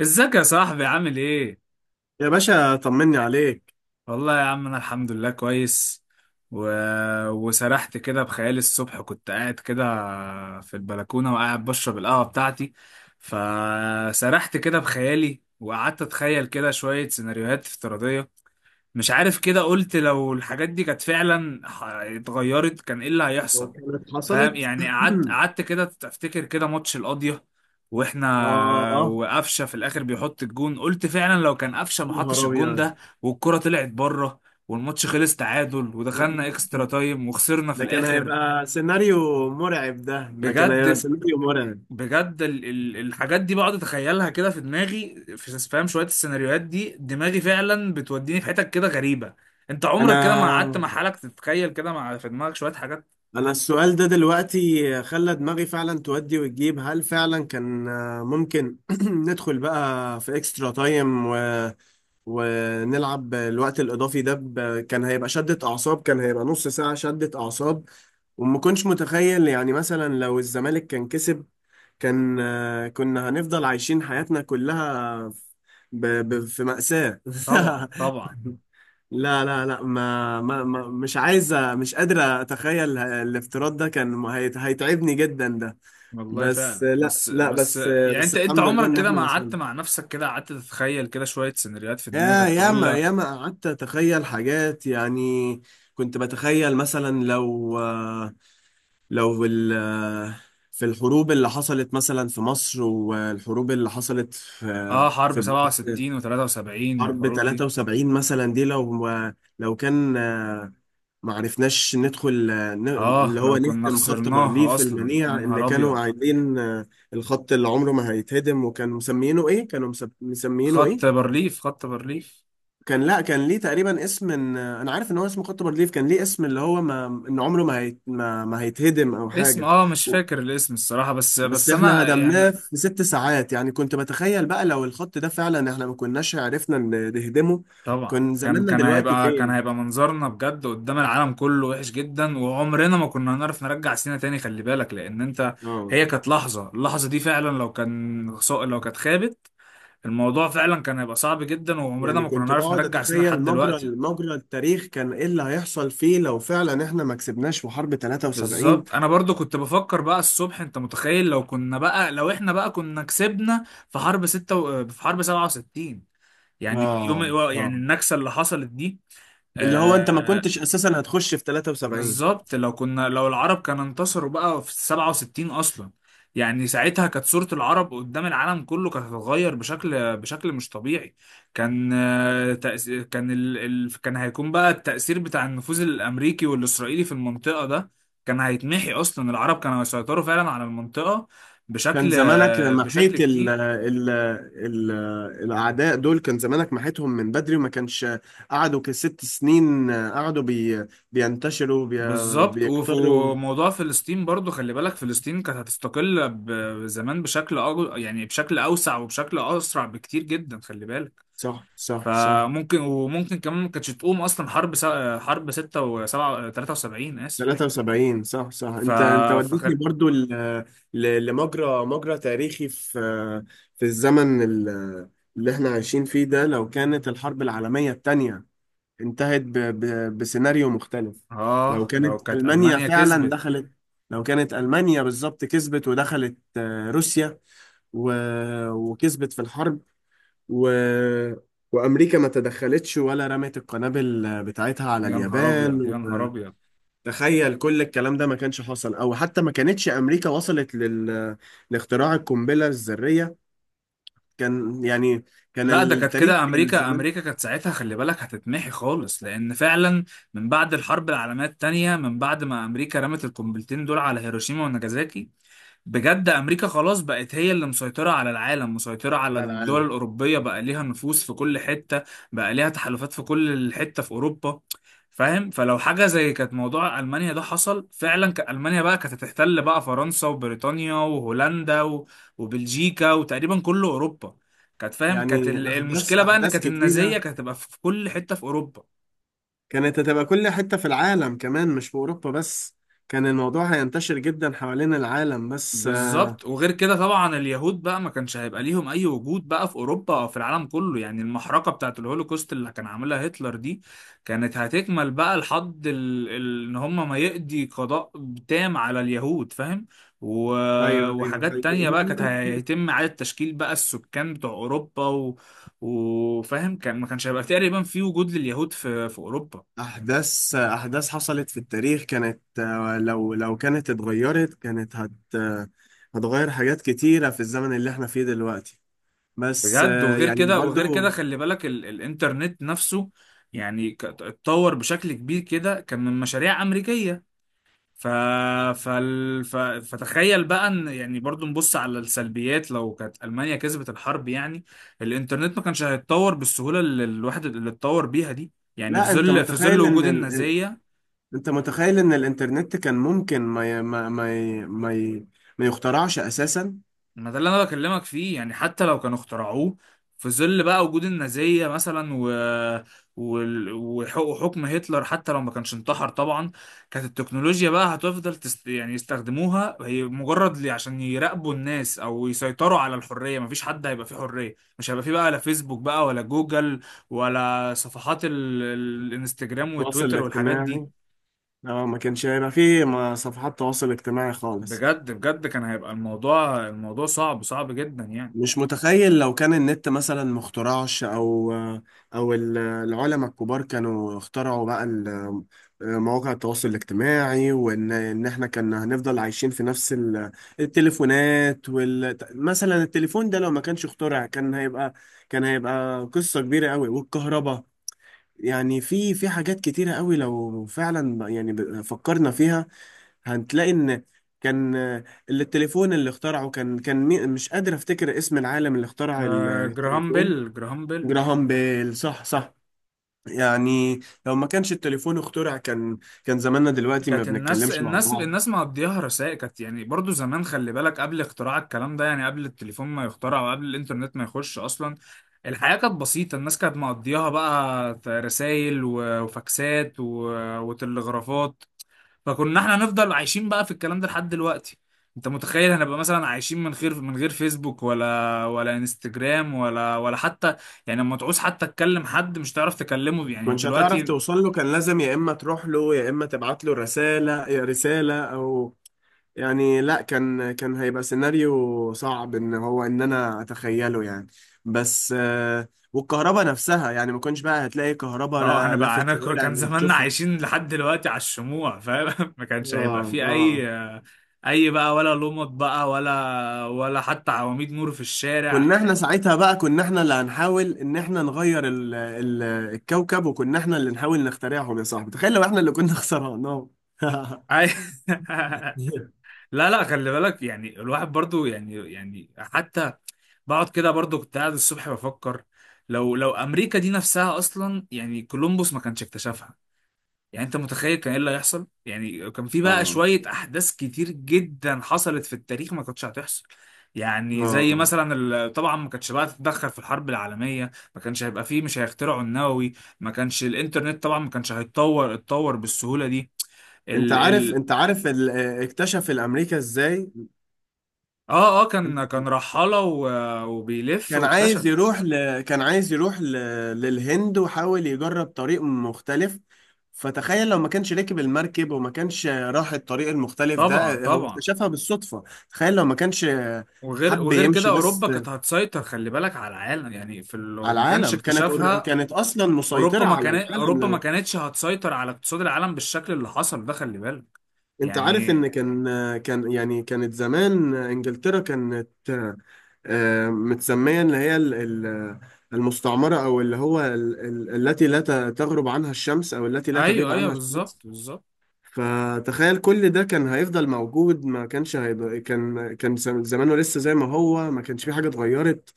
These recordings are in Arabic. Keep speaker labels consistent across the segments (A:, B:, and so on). A: ازيك يا صاحبي؟ عامل ايه؟
B: يا باشا طمني عليك.
A: والله يا عم انا الحمد لله كويس. و... وسرحت كده بخيالي الصبح، كنت قاعد كده في البلكونة وقاعد بشرب القهوة بتاعتي، فسرحت كده بخيالي وقعدت اتخيل كده شوية سيناريوهات افتراضية. مش عارف، كده قلت لو الحاجات دي كانت فعلا اتغيرت، كان ايه اللي هيحصل.
B: لو كانت
A: فاهم
B: حصلت.
A: يعني؟ قعدت كده تفتكر كده ماتش القاضية واحنا
B: آه.
A: وقفشه في الاخر بيحط الجون، قلت فعلا لو كان قفشه
B: يا
A: ما حطش
B: نهار
A: الجون
B: أبيض.
A: ده، والكرة طلعت بره، والماتش خلص تعادل
B: لا،
A: ودخلنا اكسترا تايم وخسرنا في
B: ده كان
A: الاخر.
B: هيبقى سيناريو مرعب. ده كان
A: بجد
B: هيبقى سيناريو مرعب.
A: بجد الحاجات دي بقعد اتخيلها كده في دماغي، في، فاهم، شويه السيناريوهات دي دماغي فعلا بتوديني في حتت كده غريبه. انت عمرك كده ما قعدت
B: أنا
A: مع حالك تتخيل كده، مع، في دماغك شويه حاجات؟
B: أنا السؤال ده دلوقتي خلى دماغي فعلا تودي وتجيب. هل فعلا كان ممكن ندخل بقى في اكسترا تايم ونلعب الوقت الإضافي ده كان هيبقى شدة أعصاب، كان هيبقى نص ساعة شدة أعصاب. وما كنتش متخيل يعني مثلا لو الزمالك كان كسب كان كنا هنفضل عايشين حياتنا كلها في مأساة.
A: طبعا طبعا.
B: لا لا لا، ما مش عايزة، مش قادرة أتخيل الافتراض ده. كان هيتعبني جدا ده.
A: والله
B: بس
A: فعلا.
B: لا
A: بس
B: لا،
A: بس
B: بس
A: يعني،
B: بس
A: انت
B: الحمد لله
A: عمرك
B: إن
A: كده
B: إحنا
A: ما قعدت
B: وصلنا.
A: مع نفسك كده قعدت تتخيل كده شويه سيناريوهات في دماغك تقول
B: ياما
A: لك؟
B: ياما قعدت أتخيل حاجات يعني. كنت بتخيل مثلا لو لو ال في الحروب اللي حصلت مثلا في مصر، والحروب اللي حصلت في
A: اه، حرب
B: في بلاد.
A: 67 و73
B: حرب
A: والحروب دي.
B: 73 مثلا، دي لو كان ما عرفناش ندخل
A: اه،
B: اللي هو
A: لو كنا
B: نهدم خط
A: خسرناها
B: بارليف
A: اصلا، يا
B: المنيع اللي
A: نهار
B: كانوا
A: ابيض.
B: قايلين الخط اللي عمره ما هيتهدم، وكانوا مسمينه ايه، كانوا مسمينه
A: خط
B: ايه.
A: بارليف، خط بارليف.
B: كان، لا، كان ليه تقريبا اسم. إن انا عارف ان هو اسمه خط بارليف، كان ليه اسم اللي هو ما، ان عمره ما هيتهدم او
A: اسم،
B: حاجة.
A: مش فاكر الاسم الصراحة، بس
B: بس
A: بس
B: احنا
A: انا
B: هدمناه
A: يعني.
B: في 6 ساعات. يعني كنت بتخيل بقى، لو الخط ده فعلا احنا ما كناش عرفنا نهدمه.
A: طبعا،
B: كان
A: كان
B: زماننا
A: كان
B: دلوقتي
A: هيبقى كان
B: فين؟
A: هيبقى منظرنا بجد قدام العالم كله وحش جدا، وعمرنا ما كنا هنعرف نرجع سينا تاني، خلي بالك. لان انت،
B: اه.
A: هي كانت اللحظة دي فعلا، لو كانت خابت، الموضوع فعلا كان هيبقى صعب جدا، وعمرنا
B: يعني
A: ما كنا
B: كنت
A: نعرف
B: بقعد
A: نرجع سينا
B: اتخيل
A: لحد
B: مجرى
A: دلوقتي.
B: مجرى التاريخ كان ايه اللي هيحصل فيه لو فعلا احنا ما كسبناش في حرب 73.
A: بالظبط. انا برضو كنت بفكر بقى الصبح، انت متخيل لو احنا بقى كنا كسبنا في حرب 67، يعني يوم
B: اه اه.
A: يعني النكسة اللي حصلت دي؟
B: اللي هو انت ما
A: آه.
B: كنتش اساسا هتخش في 73.
A: بالظبط، لو العرب كانوا انتصروا بقى في 67 اصلا، يعني ساعتها كانت صورة العرب قدام العالم كله كانت هتتغير بشكل مش طبيعي. كان آه، تأس- كان ال... ال... كان هيكون بقى التأثير بتاع النفوذ الأمريكي والإسرائيلي في المنطقة ده كان هيتمحي أصلا. العرب كانوا هيسيطروا فعلا على المنطقة
B: كان
A: بشكل
B: زمانك
A: بشكل
B: محيت ال
A: كتير.
B: ال ال الأعداء دول. كان زمانك محيتهم من بدري، وما كانش قعدوا كست سنين، قعدوا بينتشروا
A: بالظبط.
B: بيكتروا.
A: وموضوع فلسطين برضو، خلي بالك، فلسطين كانت هتستقل زمان يعني بشكل أوسع وبشكل أسرع بكتير جدا، خلي بالك.
B: صح صح صح.
A: وممكن كمان ما كانتش تقوم أصلا حرب 6 و 7، 73، آسف.
B: 73. صح صح.
A: ف...
B: انت وديتني
A: فخل...
B: برضو لمجرى مجرى تاريخي، في الزمن اللي احنا عايشين فيه ده. لو كانت الحرب العالمية التانية انتهت بسيناريو مختلف. لو
A: آه، لو
B: كانت
A: كانت
B: ألمانيا
A: ألمانيا
B: فعلا
A: كسبت،
B: دخلت لو كانت ألمانيا بالظبط كسبت ودخلت روسيا، و... وكسبت في الحرب، و... وأمريكا ما تدخلتش ولا رمت القنابل بتاعتها على
A: يا نهار
B: اليابان
A: أبيض، يا نهار أبيض.
B: تخيل كل الكلام ده ما كانش حصل. او حتى ما كانتش امريكا وصلت لاختراع القنبله الذريه. كان يعني، كان
A: لا، ده كانت
B: التاريخ
A: كده
B: كان
A: امريكا
B: زمان
A: امريكا كانت ساعتها خلي بالك هتتمحي خالص، لان فعلا من بعد الحرب العالميه الثانيه، من بعد ما امريكا رمت القنبلتين دول على هيروشيما وناجازاكي، بجد امريكا خلاص بقت هي اللي مسيطره على العالم، مسيطره على
B: على
A: الدول
B: العالم
A: الاوروبيه، بقى ليها نفوذ في كل حته، بقى ليها تحالفات في كل حته في اوروبا. فاهم؟ فلو حاجه زي كانت موضوع المانيا ده حصل فعلا، كان المانيا بقى كانت هتحتل بقى فرنسا وبريطانيا وهولندا وبلجيكا وتقريبا كل اوروبا. كانت فاهم كانت
B: يعني.
A: ال-
B: احداث
A: المشكله بقى ان
B: احداث
A: كانت النازيه
B: كتيره
A: كانت هتبقى في كل حته في اوروبا.
B: كانت هتبقى كل حتة في العالم كمان، مش في أوروبا بس. كان الموضوع هينتشر جدا حوالين العالم، بس
A: بالظبط. وغير كده طبعا اليهود بقى ما كانش هيبقى ليهم اي وجود بقى في اوروبا او في العالم كله، يعني المحرقه بتاعت الهولوكوست اللي كان عاملها هتلر دي كانت هتكمل بقى لحد ان هم ما يقضي قضاء تام على اليهود، فاهم؟ و...
B: أيوه أيوه
A: وحاجات تانية
B: حقيقي.
A: بقى كانت هيتم اعاده تشكيل بقى السكان بتوع اوروبا، وفاهم، كان ما كانش هيبقى تقريبا في وجود لليهود في اوروبا.
B: أحداث أحداث حصلت في التاريخ، كانت لو كانت اتغيرت كانت هت آه، هتغير حاجات كتيرة في الزمن اللي احنا فيه دلوقتي. بس
A: بجد. وغير
B: يعني
A: كده وغير كده
B: برضو.
A: خلي بالك، الانترنت نفسه يعني اتطور بشكل كبير كده، كان من مشاريع أمريكية. ف... فتخيل بقى ان، يعني برضو نبص على السلبيات، لو كانت ألمانيا كسبت الحرب، يعني الانترنت ما كانش هيتطور بالسهولة اللي الواحد اللي اتطور بيها دي، يعني في
B: لا،
A: ظل في ظل وجود النازية.
B: انت متخيل ان الانترنت كان ممكن ما يخترعش اساسا.
A: ما ده اللي انا بكلمك فيه، يعني حتى لو كانوا اخترعوه في ظل بقى وجود النازية مثلا، وحكم هتلر، حتى لو ما كانش انتحر طبعا، كانت التكنولوجيا بقى هتفضل يعني يستخدموها هي مجرد لي عشان يراقبوا الناس او يسيطروا على الحرية. مفيش حد هيبقى فيه حرية، مش هيبقى فيه بقى لا فيسبوك بقى ولا جوجل، ولا صفحات الانستجرام
B: التواصل
A: وتويتر والحاجات
B: الاجتماعي.
A: دي.
B: اه، ما كانش هيبقى فيه صفحات تواصل اجتماعي خالص.
A: بجد بجد، كان هيبقى الموضوع صعب صعب جدا يعني.
B: مش متخيل لو كان النت مثلا مخترعش، او او العلماء الكبار كانوا اخترعوا بقى مواقع التواصل الاجتماعي، وان احنا كنا هنفضل عايشين في نفس التليفونات. مثلا التليفون ده لو ما كانش اخترع، كان هيبقى قصة كبيرة قوي، والكهرباء. يعني في حاجات كتيرة قوي لو فعلا يعني فكرنا فيها، هتلاقي ان كان اللي التليفون اللي اخترعه كان مش قادر افتكر اسم العالم اللي اخترع
A: جراهام
B: التليفون.
A: بيل، جراهام بيل.
B: جراهام بيل. صح صح. يعني لو ما كانش التليفون اخترع، كان زماننا دلوقتي ما
A: كانت الناس،
B: بنتكلمش مع
A: الناس
B: بعض.
A: الناس مقضياها رسائل، كانت يعني برضو زمان، خلي بالك، قبل اختراع الكلام ده، يعني قبل التليفون ما يخترع وقبل الانترنت ما يخش اصلا، الحياة كانت بسيطة. الناس كانت مقضياها بقى رسائل وفاكسات وتلغرافات، فكنا احنا نفضل عايشين بقى في الكلام ده لحد دلوقتي. انت متخيل هنبقى مثلا عايشين من غير فيسبوك ولا، ولا انستجرام، ولا حتى، يعني لما تعوز حتى تكلم حد مش تعرف تكلمه
B: ما
A: يعني
B: كنتش هتعرف
A: دلوقتي.
B: توصل له. كان لازم يا اما تروح له يا اما تبعت له رسالة، رسالة يعني لا، كان هيبقى سيناريو صعب ان هو ان انا اتخيله يعني. بس والكهرباء نفسها، يعني ما كنتش بقى هتلاقي كهرباء،
A: اه. انا
B: لا لا في
A: بقى انا ك-
B: الشوارع
A: كان
B: اللي
A: زماننا
B: تشوفها.
A: عايشين لحد دلوقتي على الشموع، فاهم؟ ما كانش هيبقى
B: اه
A: في
B: اه.
A: اي اي بقى ولا لمط بقى، ولا حتى عواميد نور في الشارع.
B: كنا احنا ساعتها بقى، كنا احنا اللي هنحاول ان احنا نغير ال الكوكب، وكنا احنا اللي نحاول نخترعهم. يا صاحبي، تخيل لو احنا اللي كنا خسرانهم.
A: أي... لا لا، خلي بالك يعني الواحد برضو، يعني حتى بقعد كده برضو، كنت قاعد الصبح بفكر، لو امريكا دي نفسها اصلا، يعني كولومبوس ما كانش اكتشفها، يعني انت متخيل كان ايه اللي هيحصل؟ يعني كان في بقى
B: اه
A: شوية احداث كتير جدا حصلت في التاريخ ما كانتش هتحصل، يعني زي
B: اه.
A: مثلا طبعا ما كانتش بقى تتدخل في الحرب العالمية، ما كانش هيبقى فيه، مش هيخترعوا النووي، ما كانش الانترنت طبعا ما كانش اتطور بالسهولة دي.
B: انت
A: ال
B: عارف
A: ال
B: انت عارف اكتشف الامريكا ازاي.
A: اه اه، كان رحالة وبيلف
B: كان عايز
A: واكتشف.
B: يروح ل... كان عايز يروح ل... للهند، وحاول يجرب طريق مختلف. فتخيل لو ما كانش ركب المركب، وما كانش راح الطريق المختلف
A: طبعا
B: ده. هو
A: طبعا.
B: اكتشفها بالصدفة. تخيل لو ما كانش
A: وغير
B: حب
A: وغير كده
B: يمشي
A: اوروبا
B: بس.
A: كانت هتسيطر خلي بالك على العالم، يعني في
B: على
A: لو ما كانش
B: العالم كانت
A: اكتشافها،
B: كانت أصلا مسيطرة على العالم
A: اوروبا ما
B: لو.
A: كانتش هتسيطر على اقتصاد العالم بالشكل اللي حصل ده، خلي بالك
B: انت عارف
A: يعني.
B: ان كان يعني، كانت زمان انجلترا كانت متسميه اللي هي ال- المستعمره، او اللي هو التي لا تغرب عنها الشمس، او التي لا تغيب
A: ايوه ايوه،
B: عنها الشمس.
A: بالظبط بالظبط.
B: فتخيل كل ده كان هيفضل موجود. ما كانش هيبقى، كان زمانه لسه زي ما هو، ما كانش في حاجه اتغيرت.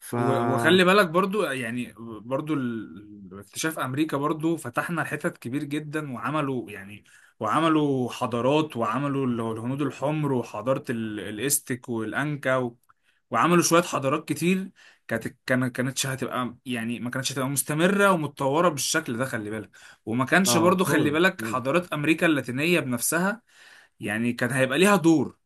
B: ف
A: وخلي بالك برضو اكتشاف امريكا برضو فتحنا حتت كبير جدا، وعملوا، يعني وعملوا حضارات، وعملوا اللي هو الهنود الحمر، وحضارة الاستك والانكا وعملوا شوية حضارات كتير. كانتش هتبقى يعني ما كانتش هتبقى مستمرة ومتطورة بالشكل ده، خلي بالك. وما كانش
B: اه
A: برضو، خلي
B: خالص.
A: بالك، حضارات امريكا اللاتينية بنفسها يعني كان هيبقى ليها دور،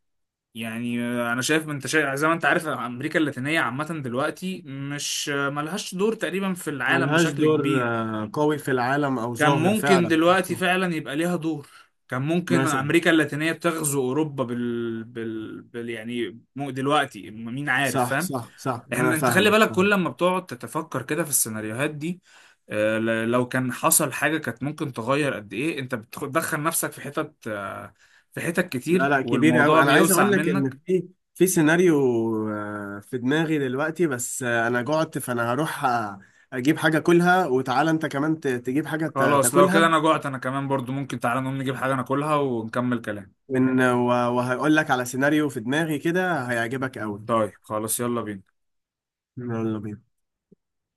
A: يعني. انا شايف انت شايف زي ما انت عارف امريكا اللاتينيه عامه دلوقتي مش ملهاش دور تقريبا في العالم
B: ملهاش
A: بشكل
B: دور
A: كبير.
B: قوي في العالم، او
A: كان
B: ظاهر
A: ممكن
B: فعلا.
A: دلوقتي
B: صح.
A: فعلا يبقى ليها دور، كان ممكن
B: مثلا
A: امريكا اللاتينيه تغزو اوروبا يعني، مو دلوقتي مين عارف،
B: صح
A: فاهم؟
B: صح صح، انا
A: انت خلي
B: فاهمك
A: بالك كل
B: فاهمك.
A: لما بتقعد تتفكر كده في السيناريوهات دي، لو كان حصل حاجه كانت ممكن تغير قد ايه، انت بتدخل نفسك في حتت، في حتت
B: لا
A: كتير،
B: لا، كبير
A: والموضوع
B: قوي. انا عايز
A: بيوسع
B: اقول لك
A: منك.
B: ان في سيناريو في دماغي دلوقتي، بس انا جعت، فانا هروح اجيب حاجه كلها، وتعالى انت كمان تجيب حاجه
A: خلاص، لو
B: تاكلها.
A: كده انا جوعت، انا كمان برضو ممكن، تعالى نقوم نجيب حاجة ناكلها ونكمل كلام.
B: وهقول لك على سيناريو في دماغي كده هيعجبك قوي.
A: طيب خلاص، يلا بينا.
B: يلا بينا.